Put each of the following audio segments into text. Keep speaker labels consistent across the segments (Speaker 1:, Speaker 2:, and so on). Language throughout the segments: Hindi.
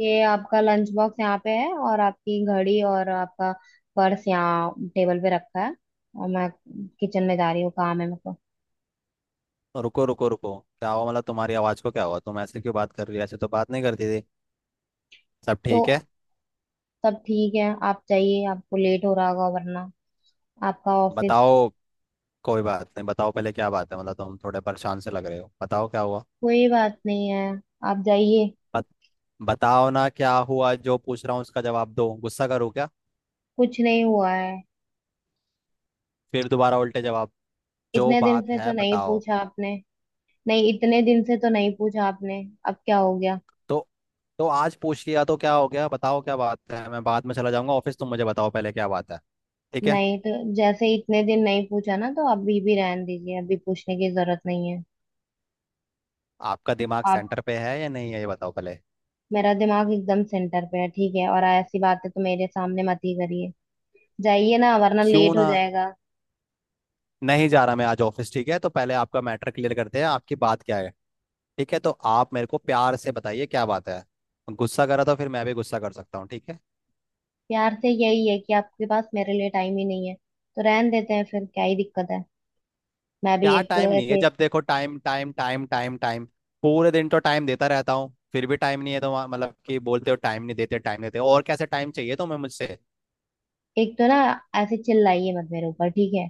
Speaker 1: ये आपका लंच बॉक्स यहाँ पे है और आपकी घड़ी और आपका पर्स यहाँ टेबल पे रखा है। और मैं किचन में जा रही हूँ, काम है मेरे को।
Speaker 2: रुको, रुको, रुको, क्या हुआ? मतलब तुम्हारी आवाज को क्या हुआ? तुम ऐसे क्यों बात कर रही है? ऐसे तो बात नहीं करती थी। सब
Speaker 1: तो
Speaker 2: ठीक है?
Speaker 1: सब ठीक है, आप जाइए, आपको लेट हो रहा होगा वरना। आपका ऑफिस।
Speaker 2: बताओ। कोई बात नहीं, बताओ पहले क्या बात है। मतलब तुम थोड़े परेशान से लग रहे हो। बताओ क्या हुआ।
Speaker 1: कोई बात नहीं है, आप जाइए।
Speaker 2: बत, बताओ ना क्या हुआ। जो पूछ रहा हूँ उसका जवाब दो। गुस्सा करो क्या?
Speaker 1: कुछ नहीं हुआ है।
Speaker 2: फिर दोबारा उल्टे जवाब। जो
Speaker 1: इतने दिन
Speaker 2: बात
Speaker 1: से तो
Speaker 2: है
Speaker 1: नहीं
Speaker 2: बताओ।
Speaker 1: पूछा आपने। नहीं, इतने दिन से तो नहीं पूछा आपने, अब क्या हो गया।
Speaker 2: तो तो आज पूछ लिया तो क्या हो गया? बताओ क्या बात है। मैं बाद में चला जाऊंगा ऑफिस, तुम मुझे बताओ पहले क्या बात है। ठीक है।
Speaker 1: नहीं, तो जैसे इतने दिन नहीं पूछा ना, तो अभी भी रहने दीजिए, अभी पूछने की जरूरत नहीं है।
Speaker 2: आपका दिमाग
Speaker 1: आप।
Speaker 2: सेंटर पे है या नहीं है ये बताओ पहले।
Speaker 1: मेरा दिमाग एकदम सेंटर पे है, ठीक है, और ऐसी बातें तो मेरे सामने मत ही करिए। जाइए ना वरना
Speaker 2: क्यों
Speaker 1: लेट हो
Speaker 2: ना,
Speaker 1: जाएगा।
Speaker 2: नहीं जा रहा मैं आज ऑफिस, ठीक है? तो पहले आपका मैटर क्लियर करते हैं, आपकी बात क्या है। ठीक है, तो आप मेरे को प्यार से बताइए क्या बात है। गुस्सा करा तो फिर मैं भी गुस्सा कर सकता हूँ, ठीक है?
Speaker 1: प्यार से यही है कि आपके पास मेरे लिए टाइम ही नहीं है, तो रहन देते हैं, फिर क्या ही दिक्कत है। मैं भी
Speaker 2: क्या
Speaker 1: एक
Speaker 2: टाइम नहीं है?
Speaker 1: ऐसे।
Speaker 2: जब देखो time, time, time, time, time. पूरे दिन तो टाइम देता रहता हूँ, फिर भी टाइम नहीं है? तो मतलब कि बोलते हो टाइम नहीं देते, टाइम देते हो। और कैसे टाइम चाहिए तुम्हें मुझसे?
Speaker 1: एक तो ना, ऐसे चिल्लाइए मत मेरे ऊपर, ठीक है।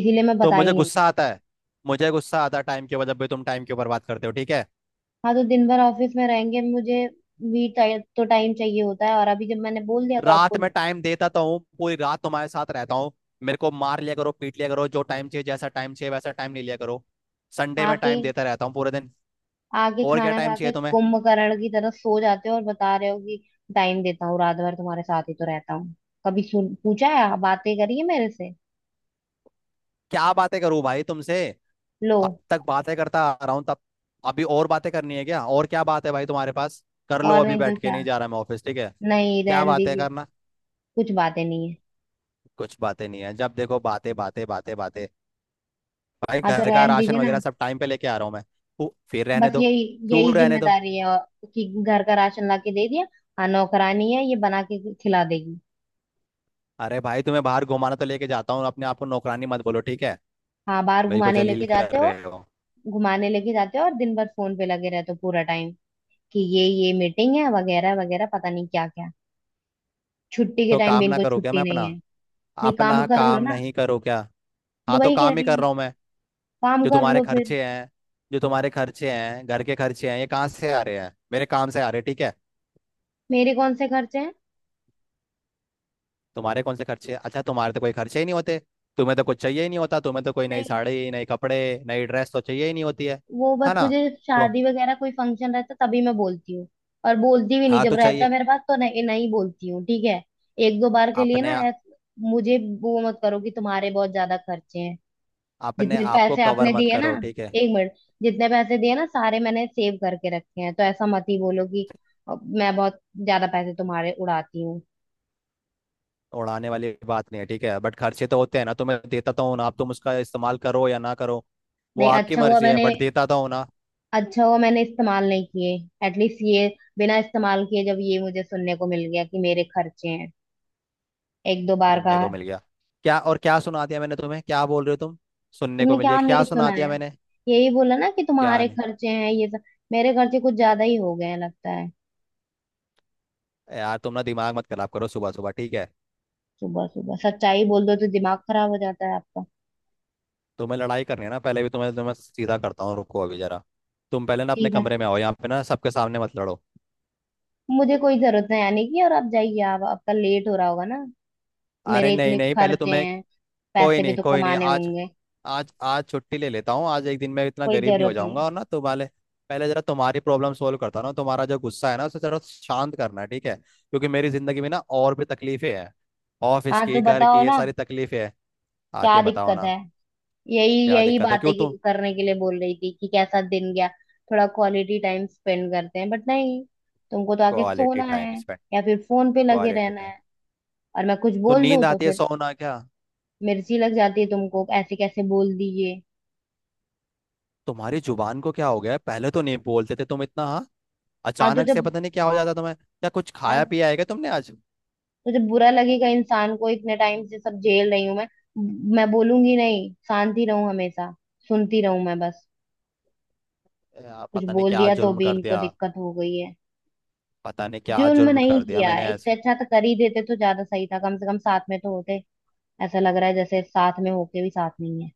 Speaker 1: इसीलिए मैं
Speaker 2: तो
Speaker 1: बता
Speaker 2: मुझे
Speaker 1: ही नहीं
Speaker 2: गुस्सा
Speaker 1: रही।
Speaker 2: आता है। मुझे गुस्सा आता है टाइम के ऊपर, जब भी तुम टाइम के ऊपर बात करते हो, ठीक है?
Speaker 1: हाँ, तो दिन भर ऑफिस में रहेंगे, मुझे भी तो टाइम चाहिए होता है, और अभी जब मैंने बोल दिया तो
Speaker 2: रात
Speaker 1: आपको।
Speaker 2: में टाइम देता तो हूँ, पूरी रात तुम्हारे साथ रहता हूँ। मेरे को मार लिया करो, पीट लिया करो, जो टाइम चाहिए जैसा टाइम चाहिए वैसा टाइम ले लिया करो। संडे में
Speaker 1: आके
Speaker 2: टाइम देता रहता हूँ पूरे दिन।
Speaker 1: आगे
Speaker 2: और क्या
Speaker 1: खाना
Speaker 2: टाइम
Speaker 1: खा
Speaker 2: चाहिए
Speaker 1: के
Speaker 2: तुम्हें?
Speaker 1: कुंभकर्ण की तरह सो जाते हो, और बता रहे हो कि टाइम देता हूँ, रात भर तुम्हारे साथ ही तो रहता हूँ। कभी सुन पूछा है, बातें करी है मेरे से?
Speaker 2: क्या बातें करूँ भाई तुमसे?
Speaker 1: लो।
Speaker 2: अब तक बातें करता आ रहा हूँ तब। अभी और बातें करनी है क्या? और क्या बात है भाई तुम्हारे पास? कर लो,
Speaker 1: और
Speaker 2: अभी
Speaker 1: नहीं तो
Speaker 2: बैठ के,
Speaker 1: क्या,
Speaker 2: नहीं जा रहा मैं ऑफिस, ठीक है?
Speaker 1: नहीं
Speaker 2: क्या
Speaker 1: रहन
Speaker 2: बातें
Speaker 1: दीजिए।
Speaker 2: करना?
Speaker 1: कुछ बातें नहीं है।
Speaker 2: कुछ बातें नहीं है। जब देखो बातें, बातें, बातें, बातें। भाई
Speaker 1: हाँ, तो
Speaker 2: घर का
Speaker 1: रहन
Speaker 2: राशन
Speaker 1: दीजिए ना।
Speaker 2: वगैरह सब टाइम पे लेके आ रहा हूँ मैं। फिर रहने
Speaker 1: बस
Speaker 2: दो।
Speaker 1: यही,
Speaker 2: क्यों
Speaker 1: यही
Speaker 2: रहने दो?
Speaker 1: जिम्मेदारी है, और कि घर का राशन ला के दे दिया। हाँ, नौकरानी है, ये बना के खिला देगी।
Speaker 2: अरे भाई तुम्हें बाहर घुमाना तो लेके जाता हूँ, अपने आप को नौकरानी मत बोलो, ठीक है?
Speaker 1: हाँ, बाहर
Speaker 2: मेरे को
Speaker 1: घुमाने
Speaker 2: जलील
Speaker 1: लेके जाते
Speaker 2: कर
Speaker 1: हो।
Speaker 2: रहे हो।
Speaker 1: घुमाने लेके जाते हो, और दिन भर फोन पे लगे रहते हो, पूरा टाइम कि ये मीटिंग है, वगैरह वगैरह, पता नहीं क्या क्या। छुट्टी के
Speaker 2: तो
Speaker 1: टाइम भी
Speaker 2: काम ना
Speaker 1: इनको
Speaker 2: करो क्या?
Speaker 1: छुट्टी
Speaker 2: मैं
Speaker 1: नहीं
Speaker 2: अपना,
Speaker 1: है। नहीं, काम
Speaker 2: अपना
Speaker 1: कर लो
Speaker 2: काम
Speaker 1: ना।
Speaker 2: नहीं करो क्या?
Speaker 1: तो
Speaker 2: हाँ, तो
Speaker 1: वही कह
Speaker 2: काम ही
Speaker 1: रही
Speaker 2: कर
Speaker 1: हूँ,
Speaker 2: रहा हूँ मैं।
Speaker 1: काम
Speaker 2: जो
Speaker 1: कर
Speaker 2: तुम्हारे
Speaker 1: लो फिर।
Speaker 2: खर्चे हैं, जो तुम्हारे खर्चे हैं, घर के खर्चे हैं, ये कहाँ से आ रहे हैं? मेरे काम से आ रहे हैं, ठीक है?
Speaker 1: मेरे कौन से खर्चे हैं?
Speaker 2: तुम्हारे कौन से खर्चे हैं? अच्छा, तुम्हारे तो कोई खर्चे ही नहीं होते। तुम्हें तो कुछ चाहिए ही नहीं होता। तुम्हें तो कोई नई
Speaker 1: नहीं।
Speaker 2: साड़ी, नई कपड़े, नई ड्रेस तो चाहिए ही नहीं होती है
Speaker 1: वो
Speaker 2: है
Speaker 1: बस
Speaker 2: ना?
Speaker 1: मुझे
Speaker 2: तो
Speaker 1: शादी वगैरह कोई फंक्शन रहता तभी मैं बोलती हूँ। और बोलती भी नहीं,
Speaker 2: हाँ,
Speaker 1: जब
Speaker 2: तो
Speaker 1: रहता
Speaker 2: चाहिए।
Speaker 1: है मेरे पास तो नहीं, नहीं बोलती हूँ, ठीक है। एक दो बार के लिए ना
Speaker 2: अपने
Speaker 1: मुझे वो मत करो कि तुम्हारे बहुत ज्यादा खर्चे हैं।
Speaker 2: अपने
Speaker 1: जितने
Speaker 2: आप को
Speaker 1: पैसे
Speaker 2: कवर
Speaker 1: आपने
Speaker 2: मत
Speaker 1: दिए ना,
Speaker 2: करो, ठीक है?
Speaker 1: एक मिनट, जितने पैसे दिए ना, सारे मैंने सेव करके रखे हैं, तो ऐसा मत ही बोलो कि मैं बहुत ज्यादा पैसे तुम्हारे उड़ाती हूँ।
Speaker 2: उड़ाने वाली बात नहीं है, ठीक है, बट खर्चे तो होते हैं ना, तो मैं देता तो हूँ ना। आप, तुम उसका इस्तेमाल करो या ना करो, वो
Speaker 1: नहीं,
Speaker 2: आपकी
Speaker 1: अच्छा हुआ
Speaker 2: मर्जी है,
Speaker 1: मैंने,
Speaker 2: बट देता तो हूँ ना।
Speaker 1: अच्छा हुआ मैंने इस्तेमाल नहीं किए। एटलीस्ट ये, बिना इस्तेमाल किए जब ये मुझे सुनने को मिल गया कि मेरे खर्चे हैं, एक दो बार
Speaker 2: सुनने को
Speaker 1: कहा।
Speaker 2: मिल गया क्या? और क्या सुना दिया मैंने तुम्हें? क्या बोल रहे हो तुम? सुनने को
Speaker 1: तुमने
Speaker 2: मिल गया?
Speaker 1: क्या
Speaker 2: क्या
Speaker 1: नहीं
Speaker 2: सुना दिया
Speaker 1: सुनाया?
Speaker 2: मैंने?
Speaker 1: यही बोला ना कि
Speaker 2: क्या
Speaker 1: तुम्हारे
Speaker 2: नहीं?
Speaker 1: खर्चे हैं, ये सब। मेरे खर्चे कुछ ज्यादा ही हो गए हैं लगता है।
Speaker 2: यार तुम ना दिमाग मत खराब करो सुबह सुबह, ठीक है?
Speaker 1: सुबह सुबह सच्चाई बोल दो तो दिमाग खराब हो जाता है आपका।
Speaker 2: तुम्हें लड़ाई करनी है ना? पहले भी तुम्हें तुम्हें सीधा करता हूँ, रुको अभी जरा। तुम पहले ना अपने
Speaker 1: ठीक है,
Speaker 2: कमरे में आओ, यहाँ पे ना सबके सामने मत लड़ो।
Speaker 1: मुझे कोई जरूरत नहीं आने की, और आप जाइए, आप, आपका लेट हो रहा होगा ना,
Speaker 2: अरे
Speaker 1: मेरे
Speaker 2: नहीं
Speaker 1: इतने
Speaker 2: नहीं, पहले
Speaker 1: खर्चे
Speaker 2: तुम्हें।
Speaker 1: हैं,
Speaker 2: कोई
Speaker 1: पैसे भी
Speaker 2: नहीं,
Speaker 1: तो
Speaker 2: कोई नहीं,
Speaker 1: कमाने
Speaker 2: आज,
Speaker 1: होंगे।
Speaker 2: आज छुट्टी ले लेता हूँ। आज एक दिन मैं इतना
Speaker 1: कोई
Speaker 2: गरीब नहीं हो
Speaker 1: जरूरत
Speaker 2: जाऊंगा।
Speaker 1: नहीं।
Speaker 2: और ना तुम्हारे, पहले जरा तुम्हारी प्रॉब्लम सोल्व करता हूँ ना। तुम्हारा जो गुस्सा है ना उसे जरा शांत करना है, ठीक है? क्योंकि मेरी जिंदगी में ना और भी तकलीफें हैं, ऑफिस
Speaker 1: हाँ, तो
Speaker 2: की, घर
Speaker 1: बताओ
Speaker 2: की, ये
Speaker 1: ना,
Speaker 2: सारी तकलीफें हैं।
Speaker 1: क्या
Speaker 2: आके बताओ
Speaker 1: दिक्कत
Speaker 2: ना
Speaker 1: है। यही
Speaker 2: क्या
Speaker 1: यही
Speaker 2: दिक्कत है।
Speaker 1: बातें
Speaker 2: क्यों
Speaker 1: की-
Speaker 2: तुम
Speaker 1: करने के लिए बोल रही थी कि कैसा दिन गया, थोड़ा क्वालिटी टाइम स्पेंड करते हैं, बट नहीं, तुमको तो आके
Speaker 2: क्वालिटी
Speaker 1: सोना
Speaker 2: टाइम
Speaker 1: है
Speaker 2: स्पेंड,
Speaker 1: या फिर फोन पे लगे
Speaker 2: क्वालिटी
Speaker 1: रहना
Speaker 2: टाइम,
Speaker 1: है। और मैं कुछ
Speaker 2: तो
Speaker 1: बोल दूं
Speaker 2: नींद
Speaker 1: तो
Speaker 2: आती है,
Speaker 1: फिर
Speaker 2: सोना क्या?
Speaker 1: मिर्ची लग जाती है तुमको, ऐसे कैसे बोल दी ये।
Speaker 2: तुम्हारी जुबान को क्या हो गया है? पहले तो नहीं बोलते थे तुम इतना, हाँ।
Speaker 1: हाँ तो
Speaker 2: अचानक से
Speaker 1: जब
Speaker 2: पता नहीं क्या हो जाता तुम्हें। क्या कुछ
Speaker 1: हाँ,
Speaker 2: खाया पिया है क्या तुमने आज?
Speaker 1: तो जब बुरा लगेगा इंसान को, इतने टाइम से सब झेल रही हूं मैं बोलूंगी नहीं, शांति रहूं हमेशा, सुनती रहूं मैं बस,
Speaker 2: यार,
Speaker 1: कुछ
Speaker 2: पता नहीं
Speaker 1: बोल
Speaker 2: क्या
Speaker 1: दिया तो
Speaker 2: जुल्म
Speaker 1: भी
Speaker 2: कर
Speaker 1: इनको
Speaker 2: दिया।
Speaker 1: दिक्कत हो गई है।
Speaker 2: पता नहीं क्या
Speaker 1: जुल्म
Speaker 2: जुल्म
Speaker 1: नहीं
Speaker 2: कर दिया
Speaker 1: किया
Speaker 2: मैंने
Speaker 1: है, इससे
Speaker 2: ऐसे।
Speaker 1: अच्छा तो कर ही देते तो ज्यादा सही था, कम से कम साथ में तो होते। ऐसा लग रहा है जैसे साथ में होके भी साथ नहीं है।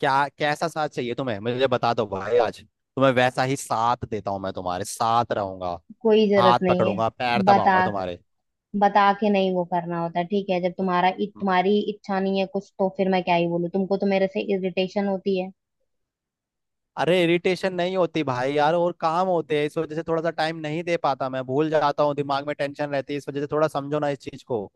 Speaker 2: क्या कैसा साथ चाहिए तुम्हें मुझे बता दो भाई। आज तुम्हें वैसा ही साथ देता हूँ, मैं तुम्हारे साथ रहूंगा,
Speaker 1: कोई जरूरत
Speaker 2: हाथ
Speaker 1: नहीं है।
Speaker 2: पकड़ूंगा, पैर
Speaker 1: बता,
Speaker 2: दबाऊंगा तुम्हारे।
Speaker 1: बता के नहीं वो करना होता, ठीक है, जब तुम्हारा,
Speaker 2: हम्म।
Speaker 1: तुम्हारी इच्छा नहीं है कुछ, तो फिर मैं क्या ही बोलूं, तुमको तो मेरे से इरिटेशन होती है।
Speaker 2: अरे इरिटेशन नहीं होती भाई, यार और काम होते हैं, इस वजह से थोड़ा सा टाइम नहीं दे पाता, मैं भूल जाता हूँ, दिमाग में टेंशन रहती है, इस वजह से थोड़ा समझो ना इस चीज को।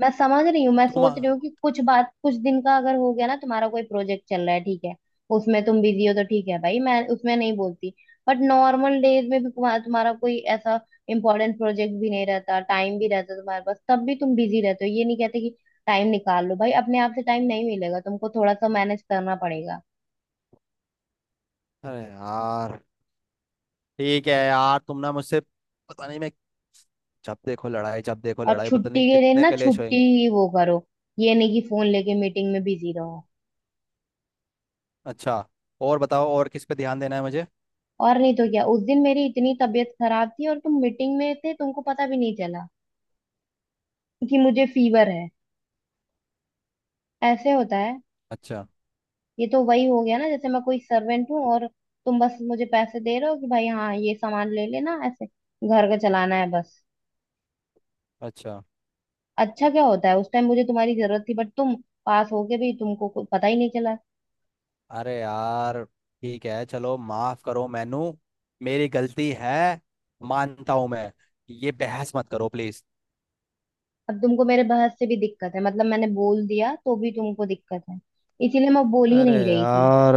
Speaker 1: मैं समझ रही हूँ, मैं
Speaker 2: तुम,
Speaker 1: सोच रही हूँ कि कुछ बात कुछ दिन का अगर हो गया ना, तुम्हारा कोई प्रोजेक्ट चल रहा है ठीक है, उसमें तुम बिजी हो तो ठीक है भाई, मैं उसमें नहीं बोलती। बट नॉर्मल डेज में भी तुम्हारा तुम्हारा कोई ऐसा इंपॉर्टेंट प्रोजेक्ट भी नहीं रहता, टाइम भी रहता तुम्हारे पास, तब भी तुम बिजी रहते हो, ये नहीं कहते कि टाइम निकाल लो भाई, अपने आप से टाइम नहीं मिलेगा तुमको, थोड़ा सा मैनेज करना पड़ेगा।
Speaker 2: अरे यार, ठीक है यार। तुम ना मुझसे पता नहीं, मैं, जब देखो लड़ाई, जब देखो
Speaker 1: और
Speaker 2: लड़ाई, पता
Speaker 1: छुट्टी
Speaker 2: नहीं
Speaker 1: के दिन
Speaker 2: कितने
Speaker 1: ना
Speaker 2: कलेश हुए।
Speaker 1: छुट्टी ही वो करो, ये नहीं कि फोन लेके मीटिंग में बिजी रहो।
Speaker 2: अच्छा, और बताओ, और किस पे ध्यान देना है मुझे?
Speaker 1: और नहीं तो क्या, उस दिन मेरी इतनी तबीयत खराब थी और तुम मीटिंग में थे, तुमको पता भी नहीं चला कि मुझे फीवर है। ऐसे होता है?
Speaker 2: अच्छा।
Speaker 1: ये तो वही हो गया ना जैसे मैं कोई सर्वेंट हूँ, और तुम बस मुझे पैसे दे रहे हो कि भाई हाँ, ये सामान ले लेना, ऐसे घर का चलाना है, बस।
Speaker 2: अच्छा।
Speaker 1: अच्छा क्या होता है, उस टाइम मुझे तुम्हारी जरूरत थी, बट तुम पास हो के भी तुमको कोई पता ही नहीं चला।
Speaker 2: अरे यार, ठीक है, चलो माफ करो मैनू, मेरी गलती है, मानता हूं मैं। ये बहस मत करो प्लीज।
Speaker 1: अब तुमको मेरे बहस से भी दिक्कत है, मतलब मैंने बोल दिया तो भी तुमको दिक्कत है, इसीलिए मैं बोल ही
Speaker 2: अरे
Speaker 1: नहीं रही थी।
Speaker 2: यार,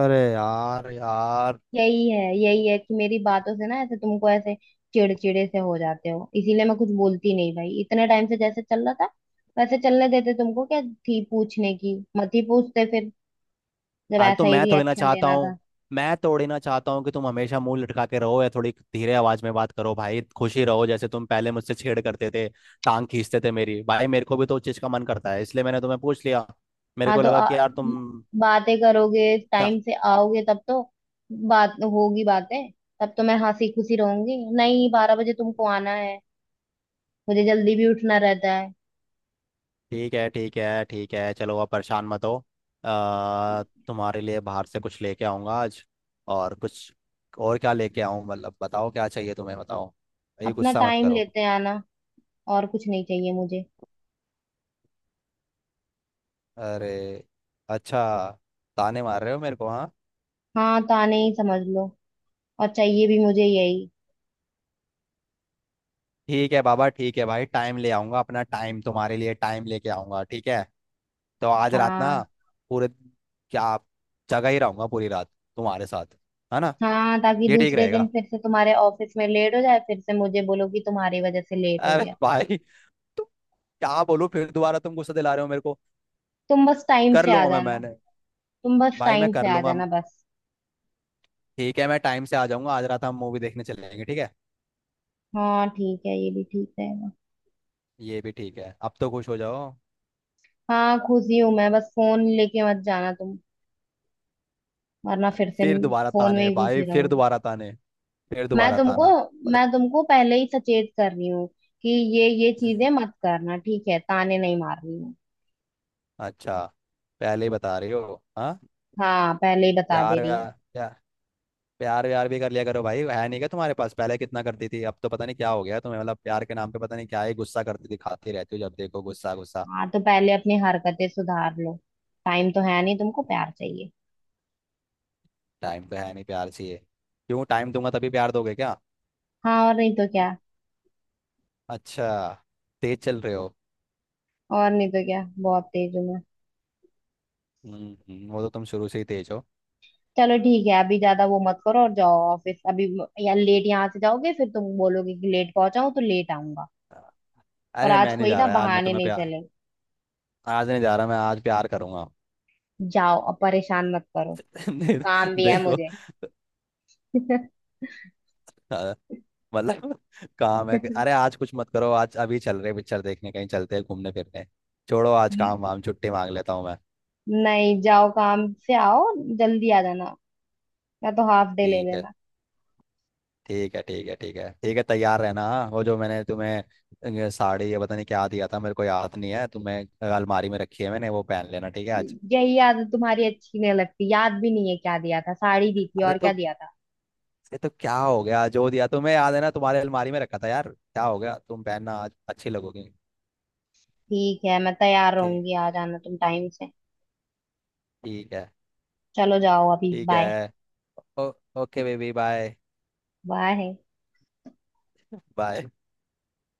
Speaker 2: अरे यार, यार।
Speaker 1: यही है, यही है कि मेरी बातों से ना, ऐसे तुमको ऐसे चिड़चिड़े से हो जाते हो, इसीलिए मैं कुछ बोलती नहीं भाई, इतने टाइम से जैसे चल रहा था वैसे चलने देते, तुमको क्या थी पूछने की, मत ही पूछते फिर जब
Speaker 2: अरे तो
Speaker 1: ऐसा ही
Speaker 2: मैं थोड़ी ना
Speaker 1: रिएक्शन
Speaker 2: चाहता
Speaker 1: देना
Speaker 2: हूँ।
Speaker 1: था।
Speaker 2: मैं थोड़ी ना चाहता हूँ कि तुम हमेशा मुंह लटका के रहो या थोड़ी धीरे आवाज में बात करो। भाई खुशी रहो, जैसे तुम पहले मुझसे छेड़ करते थे, टांग खींचते थे मेरी, भाई मेरे को भी तो उस चीज का मन करता है, इसलिए मैंने तुम्हें पूछ लिया। मेरे
Speaker 1: हाँ,
Speaker 2: को
Speaker 1: तो
Speaker 2: लगा
Speaker 1: आ,
Speaker 2: कि यार तुम,
Speaker 1: बातें करोगे,
Speaker 2: क्या?
Speaker 1: टाइम से आओगे तब तो बात होगी, बातें, तब तो मैं हंसी खुशी रहूंगी, नहीं बारह बजे तुमको आना है, मुझे जल्दी भी उठना रहता है।
Speaker 2: ठीक है, ठीक है, ठीक है, चलो अब परेशान मत हो। तुम्हारे लिए बाहर से कुछ लेके आऊंगा आज। और कुछ, और क्या लेके आऊं? मतलब बताओ क्या चाहिए तुम्हें, बताओ। ये
Speaker 1: अपना
Speaker 2: गुस्सा मत
Speaker 1: टाइम
Speaker 2: करो।
Speaker 1: लेते आना, और कुछ नहीं चाहिए मुझे।
Speaker 2: अरे, अच्छा, ताने मार रहे हो मेरे को, हाँ?
Speaker 1: हाँ, ताने ही समझ लो, और चाहिए भी मुझे यही।
Speaker 2: ठीक है बाबा, ठीक है भाई, टाइम ले आऊंगा, अपना टाइम तुम्हारे लिए, टाइम लेके आऊंगा ठीक है? तो आज रात ना,
Speaker 1: हाँ।
Speaker 2: पूरे, क्या, जगह ही रहूंगा पूरी रात तुम्हारे साथ, है ना?
Speaker 1: हाँ, ताकि
Speaker 2: ये ठीक
Speaker 1: दूसरे दिन
Speaker 2: रहेगा।
Speaker 1: फिर से तुम्हारे ऑफिस में लेट हो जाए, फिर से मुझे बोलो कि तुम्हारी वजह से लेट हो
Speaker 2: अरे
Speaker 1: गया।
Speaker 2: भाई तो क्या बोलूं? फिर दोबारा तुम गुस्सा दिला रहे हो मेरे को।
Speaker 1: तुम बस टाइम
Speaker 2: कर
Speaker 1: से आ
Speaker 2: लूंगा मैं,
Speaker 1: जाना।
Speaker 2: मैंने,
Speaker 1: तुम बस
Speaker 2: भाई मैं
Speaker 1: टाइम
Speaker 2: कर
Speaker 1: से आ
Speaker 2: लूंगा,
Speaker 1: जाना, बस।
Speaker 2: ठीक है? मैं टाइम से आ जाऊंगा, आज रात हम मूवी देखने चलेंगे, ठीक है?
Speaker 1: हाँ ठीक है, ये भी ठीक रहेगा।
Speaker 2: ये भी ठीक है, अब तो खुश हो जाओ।
Speaker 1: हाँ, खुशी हूँ मैं, बस फोन लेके मत जाना तुम, वरना
Speaker 2: अरे
Speaker 1: फिर से
Speaker 2: फिर दोबारा
Speaker 1: फोन में
Speaker 2: ताने,
Speaker 1: ही
Speaker 2: भाई
Speaker 1: घुसे
Speaker 2: फिर
Speaker 1: रहोगे।
Speaker 2: दोबारा ताने, फिर
Speaker 1: मैं
Speaker 2: दोबारा
Speaker 1: तुमको
Speaker 2: ताना। पर-
Speaker 1: मैं तुमको पहले ही सचेत कर रही हूँ कि ये चीजें मत करना, ठीक है, ताने नहीं मार रही हूँ।
Speaker 2: अच्छा, पहले ही बता रही हो, हाँ?
Speaker 1: हाँ, पहले ही बता दे
Speaker 2: प्यार
Speaker 1: रही
Speaker 2: व्यार,
Speaker 1: हूँ।
Speaker 2: प्यार व्यार भी कर लिया करो भाई, है नहीं क्या तुम्हारे पास? पहले कितना करती थी, अब तो पता नहीं क्या हो गया तुम्हें। मतलब प्यार के नाम पे पता नहीं क्या ही गुस्सा करती थी, खाती रहती हो जब देखो, गुस्सा, गुस्सा।
Speaker 1: हाँ, तो पहले अपनी हरकतें सुधार लो। टाइम तो है नहीं, तुमको प्यार चाहिए।
Speaker 2: टाइम तो है नहीं, प्यार चाहिए? क्यों, टाइम दूंगा तभी प्यार दोगे क्या?
Speaker 1: हाँ, और नहीं तो क्या।
Speaker 2: अच्छा, तेज चल रहे हो।
Speaker 1: और नहीं तो क्या, बहुत तेज हूँ मैं।
Speaker 2: हम्म, वो तो तुम शुरू से ही तेज हो।
Speaker 1: चलो ठीक है, अभी ज्यादा वो मत करो और जाओ ऑफिस अभी, या लेट यहाँ से जाओगे, फिर तुम बोलोगे कि लेट पहुंचाऊं तो लेट आऊंगा। और
Speaker 2: अरे
Speaker 1: आज
Speaker 2: मैं नहीं
Speaker 1: कोई
Speaker 2: जा
Speaker 1: ना
Speaker 2: रहा आज, मैं
Speaker 1: बहाने
Speaker 2: तुम्हें
Speaker 1: नहीं
Speaker 2: प्यार,
Speaker 1: चले।
Speaker 2: आज नहीं जा रहा मैं, आज प्यार करूंगा।
Speaker 1: जाओ, अब परेशान मत करो,
Speaker 2: दे-
Speaker 1: काम भी है
Speaker 2: देखो,
Speaker 1: मुझे।
Speaker 2: अ, मतलब, काम है अरे आज कुछ मत करो, आज अभी चल रहे पिक्चर देखने, कहीं चलते हैं घूमने फिरने। छोड़ो आज काम वाम, छुट्टी मांग लेता हूँ मैं।
Speaker 1: नहीं, जाओ, काम से आओ, जल्दी आ जाना, या तो हाफ डे ले
Speaker 2: ठीक है।
Speaker 1: लेना।
Speaker 2: ठीक है, ठीक है, ठीक है, ठीक है, तैयार रहना, हाँ। वो जो मैंने तुम्हें साड़ी या पता नहीं क्या दिया था, मेरे को याद नहीं है, तुम्हें अलमारी में रखी है मैंने, वो पहन लेना, ठीक है आज?
Speaker 1: यही आदत तुम्हारी अच्छी नहीं लगती, याद भी नहीं है क्या दिया था, साड़ी दी थी
Speaker 2: अरे
Speaker 1: और क्या
Speaker 2: तो
Speaker 1: दिया था।
Speaker 2: ये तो क्या हो गया? जो दिया तुम्हें याद है ना, तुम्हारे अलमारी में रखा था, यार क्या हो गया तुम, पहनना आज, अच्छी लगोगी।
Speaker 1: ठीक है, मैं तैयार
Speaker 2: ठीक,
Speaker 1: रहूंगी, आ जाना तुम टाइम से।
Speaker 2: ठीक है।
Speaker 1: चलो जाओ अभी,
Speaker 2: ठीक
Speaker 1: बाय।
Speaker 2: है। Oh, okay baby, bye.
Speaker 1: Bye.
Speaker 2: Bye.